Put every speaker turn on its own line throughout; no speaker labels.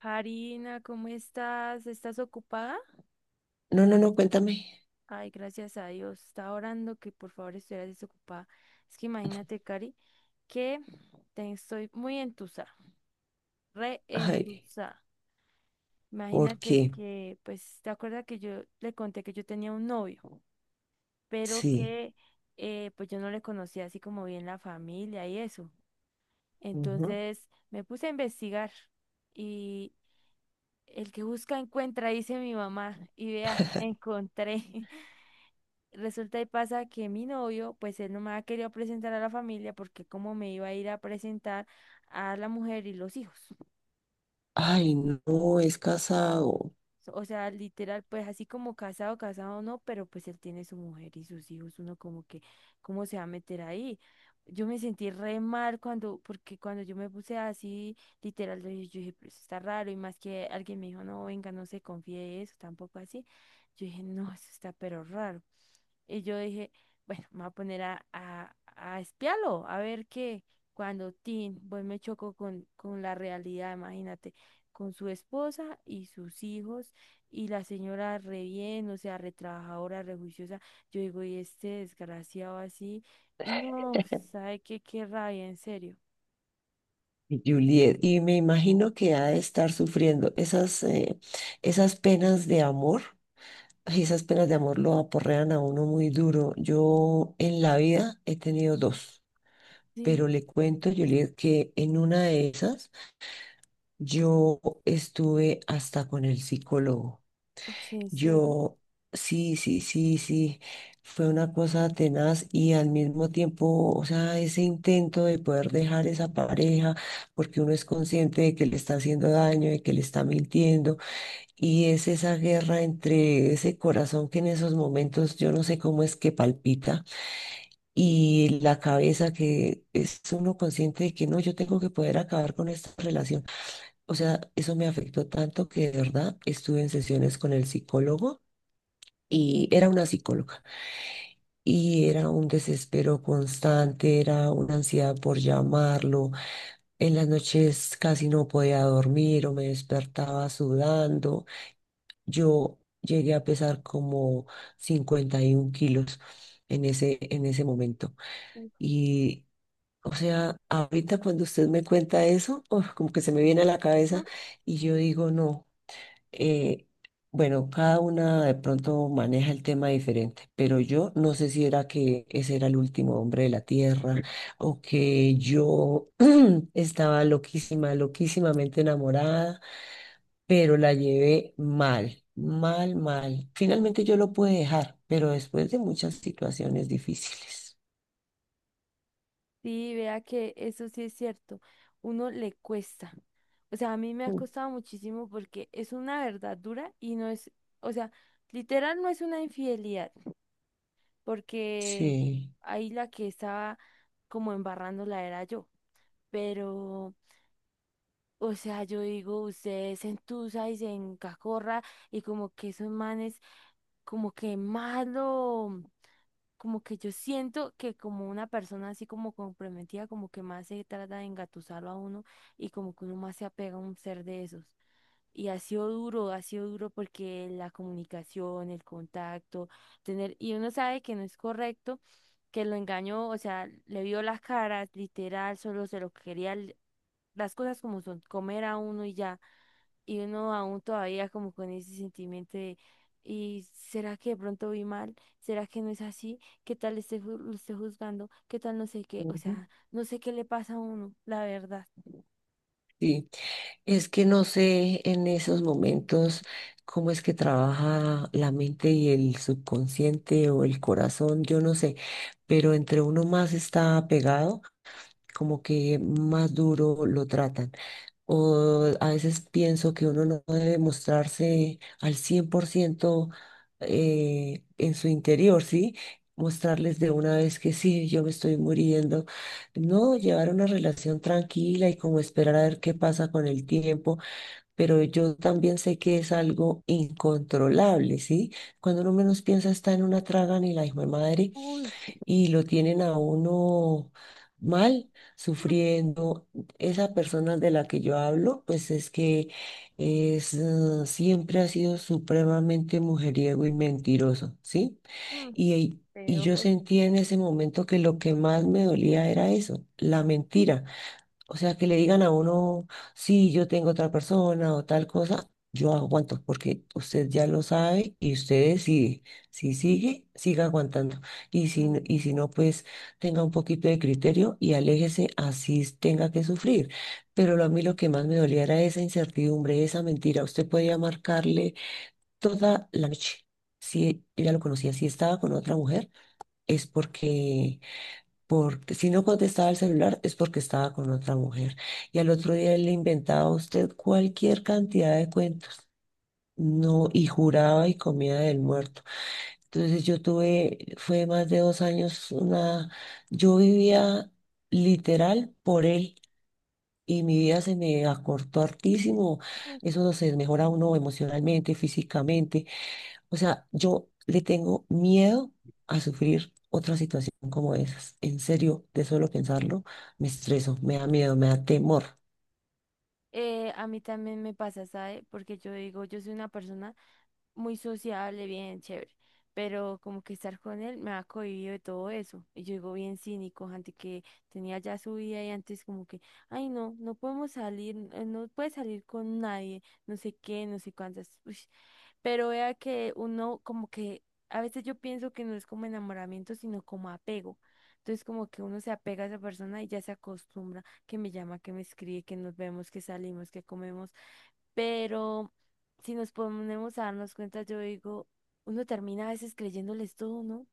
Harina, ¿cómo estás? ¿Estás ocupada?
No, no, no, cuéntame.
Ay, gracias a Dios. Estaba orando que por favor estuvieras desocupada. Es que imagínate, Cari, que te estoy muy entusa, re
Ay,
entusa.
¿por
Imagínate
qué?
que, pues, ¿te acuerdas que yo le conté que yo tenía un novio, pero
Sí.
que, pues, yo no le conocía así como bien la familia y eso?
Ujú.
Entonces me puse a investigar y el que busca encuentra, dice mi mamá, y vea, encontré. Resulta y pasa que mi novio, pues él no me ha querido presentar a la familia porque como me iba a ir a presentar a la mujer y los hijos.
Ay, no, es casado,
O sea, literal, pues así como casado, casado no, pero pues él tiene su mujer y sus hijos, uno como que, ¿cómo se va a meter ahí? Yo me sentí re mal cuando, porque cuando yo me puse así, literal, yo dije, pero eso está raro, y más que alguien me dijo, no, venga, no se confíe de eso, tampoco así. Yo dije, no, eso está pero raro. Y yo dije, bueno, me voy a poner a, espiarlo, a ver qué. Cuando Tim, pues me chocó con, la realidad, imagínate, con su esposa y sus hijos, y la señora re bien, o sea, re trabajadora, re juiciosa. Yo digo, y este desgraciado así, no, ¿sabe qué? Qué rabia, en serio.
Juliet. Y me imagino que ha de estar sufriendo esas, esas penas de amor. Ay, esas penas de amor lo aporrean a uno muy duro. Yo en la vida he tenido
Mm.
dos, pero
Sí.
le cuento, Juliet, que en una de esas yo estuve hasta con el psicólogo.
Uy, en serio.
Yo, sí, sí, sí, sí, fue una cosa tenaz y al mismo tiempo, o sea, ese intento de poder dejar esa pareja, porque uno es consciente de que le está haciendo daño, de que le está mintiendo, y es esa guerra entre ese corazón que en esos momentos yo no sé cómo es que palpita y la cabeza que es uno consciente de que no, yo tengo que poder acabar con esta relación. O sea, eso me afectó tanto que de verdad estuve en sesiones con el psicólogo y era una psicóloga y era un desespero constante, era una ansiedad por llamarlo. En las noches casi no podía dormir o me despertaba sudando. Yo llegué a pesar como 51 kilos en en ese momento. Y, o sea, ahorita cuando usted me cuenta eso, uf, como que se me viene a la cabeza y yo digo, no, eh, bueno, cada una de pronto maneja el tema diferente, pero yo no sé si era que ese era el último hombre de la tierra o que yo estaba loquísima, loquísimamente enamorada, pero la llevé mal, mal, mal. Finalmente yo lo pude dejar, pero después de muchas situaciones difíciles.
Sí, vea que eso sí es cierto, uno le cuesta. O sea, a mí me ha
Mm.
costado muchísimo porque es una verdad dura y no es, o sea, literal no es una infidelidad, porque
Sí.
ahí la que estaba como embarrándola era yo. Pero, o sea, yo digo, usted se entusa y se encacorra y como que esos manes como que malo como que yo siento que como una persona así como comprometida, como que más se trata de engatusarlo a uno y como que uno más se apega a un ser de esos. Y ha sido duro porque la comunicación, el contacto, tener, y uno sabe que no es correcto, que lo engañó, o sea, le vio las caras, literal, solo se lo quería, las cosas como son, comer a uno y ya y uno aún todavía como con ese sentimiento de, ¿y será que de pronto vi mal? ¿Será que no es así? ¿Qué tal esté lo esté juzgando? ¿Qué tal no sé qué? O
Ujú.
sea, no sé qué le pasa a uno, la verdad.
Sí. Es que no sé en esos momentos cómo es que trabaja la mente y el subconsciente o el corazón, yo no sé, pero entre uno más está pegado, como que más duro lo tratan. O a veces pienso que uno no debe mostrarse al 100%, en su interior, ¿sí? Mostrarles de una vez que sí, yo me estoy muriendo. No, llevar una relación tranquila y como esperar a ver qué pasa con el tiempo, pero yo también sé que es algo incontrolable, ¿sí? Cuando uno menos piensa está en una traga ni la hijo de madre
Uy.
y lo tienen a uno mal, sufriendo. Esa persona de la que yo hablo, pues es que es, siempre ha sido supremamente mujeriego y mentiroso, ¿sí?
Mm,
Y yo
peor.
sentía en ese momento que lo que más me dolía era eso, la mentira. O sea, que le digan a uno, sí, yo tengo otra persona o tal cosa, yo aguanto, porque usted ya lo sabe y usted decide. Si sigue, siga aguantando. Y si,
Mm.
y si no, pues tenga un poquito de criterio y aléjese, así tenga que sufrir. Pero a mí lo que más me dolía era esa incertidumbre, esa mentira. Usted podía marcarle toda la noche. Si ella lo conocía, si estaba con otra mujer, es porque, porque si no contestaba el celular es porque estaba con otra mujer. Y al otro día él le inventaba a usted cualquier cantidad de cuentos. No, y juraba y comía del muerto. Entonces yo tuve, fue más de 2 años, una, yo vivía literal por él y mi vida se me acortó hartísimo.
Mm.
Eso no se mejora uno emocionalmente, físicamente. O sea, yo le tengo miedo a sufrir otra situación como esas. En serio, de solo pensarlo, me estreso, me da miedo, me da temor.
A mí también me pasa, ¿sabe? Porque yo digo, yo soy una persona muy sociable, bien chévere, pero como que estar con él me ha cohibido de todo eso. Y yo digo bien cínico, antes que tenía ya su vida y antes como que, ay no, no podemos salir, no puedes salir con nadie, no sé qué, no sé cuántas. Uy, pero vea que uno como que a veces yo pienso que no es como enamoramiento, sino como apego. Entonces como que uno se apega a esa persona y ya se acostumbra que me llama, que me escribe, que nos vemos, que salimos, que comemos. Pero si nos ponemos a darnos cuenta, yo digo, uno termina a veces creyéndoles todo, ¿no?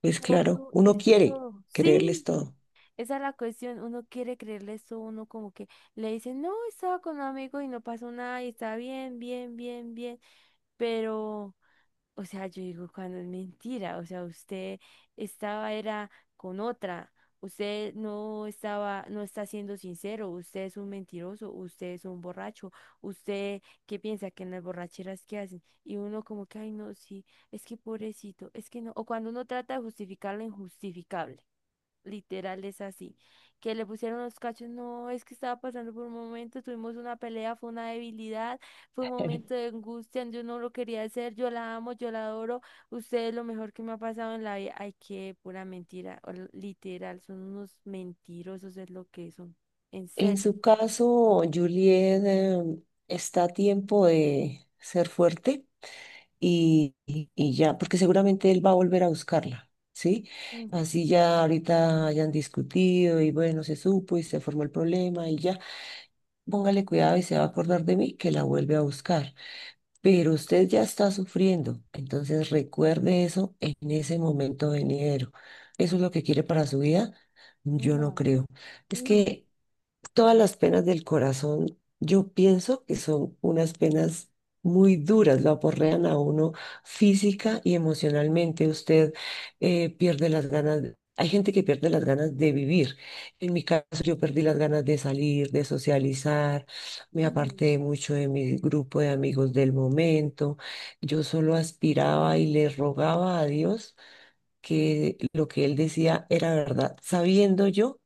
Pues
Todo
claro, uno
es
quiere
todo.
creerles
Sí,
todo.
esa es la cuestión. Uno quiere creerles todo, uno como que le dice, no, estaba con un amigo y no pasó nada y está bien, bien, bien, bien. Pero... O sea, yo digo, cuando es mentira, o sea, usted estaba era con otra, usted no estaba, no está siendo sincero, usted es un mentiroso, usted es un borracho, usted qué piensa que en las borracheras que hacen, y uno como que, ay, no, sí, es que pobrecito, es que no, o cuando uno trata de justificar lo injustificable. Literal es así. Que le pusieron los cachos, no, es que estaba pasando por un momento, tuvimos una pelea, fue una debilidad, fue un momento de angustia, yo no lo quería hacer, yo la amo, yo la adoro, usted es lo mejor que me ha pasado en la vida. Ay, qué pura mentira, o literal, son unos mentirosos, es lo que son, en
En
serio.
su caso, Juliet, está a tiempo de ser fuerte y ya, porque seguramente él va a volver a buscarla, ¿sí?
Mm.
Así ya ahorita hayan discutido y bueno, se supo y se formó el problema y ya. Póngale cuidado y se va a acordar de mí que la vuelve a buscar. Pero usted ya está sufriendo, entonces recuerde eso en ese momento venidero. ¿Eso es lo que quiere para su vida? Yo no
No,
creo. Es
no,
que todas las penas del corazón, yo pienso que son unas penas muy duras, lo aporrean a uno física y emocionalmente. Usted, pierde las ganas, hay gente que pierde las ganas de vivir. En mi caso, yo perdí las ganas de salir, de socializar, me
no,
aparté mucho de mi grupo de amigos del momento. Yo solo aspiraba y le rogaba a Dios que lo que él decía era verdad, sabiendo yo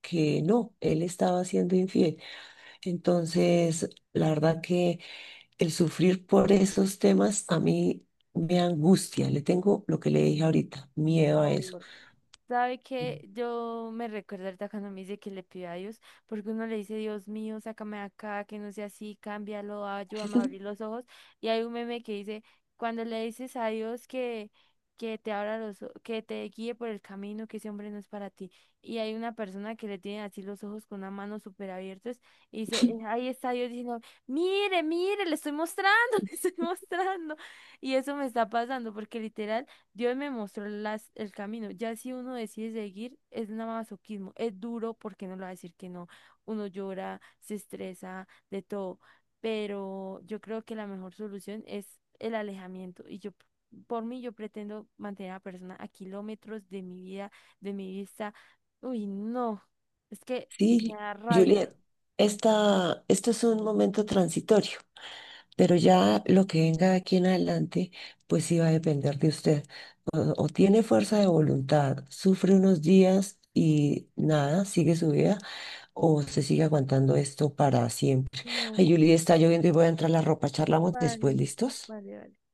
que no, él estaba siendo infiel. Entonces, la verdad que el sufrir por esos temas a mí me angustia. Le tengo lo que le dije ahorita,
por
miedo a eso.
favor. ¿Sabe
Mm.
que yo me recuerdo ahorita cuando me dice que le pido a Dios, porque uno le dice, Dios mío, sácame de acá, que no sea así, cámbialo, ayúdame a abrir los ojos. Y hay un meme que dice, cuando le dices a Dios que te abra los, que te guíe por el camino, que ese hombre no es para ti. Y hay una persona que le tiene así los ojos con una mano súper abiertos y dice, ahí está Dios diciendo, mire, mire, le estoy mostrando, le estoy mostrando. Y eso me está pasando, porque literal. Dios me mostró las, el camino. Ya si uno decide seguir, es nada masoquismo. Es duro porque no lo va a decir que no. Uno llora, se estresa, de todo. Pero yo creo que la mejor solución es el alejamiento. Y yo, por mí, yo pretendo mantener a la persona a kilómetros de mi vida, de mi vista. Uy, no. Es que me
Sí,
da rabia.
Juliet, esto es un momento transitorio, pero ya lo que venga de aquí en adelante, pues sí va a depender de usted. O tiene fuerza de voluntad, sufre unos días y nada, sigue su vida, o se sigue aguantando esto para siempre. Ay,
No,
Julie, está lloviendo y voy a entrar a la ropa. Charlamos después,
vale,
¿listos?
vale, vale.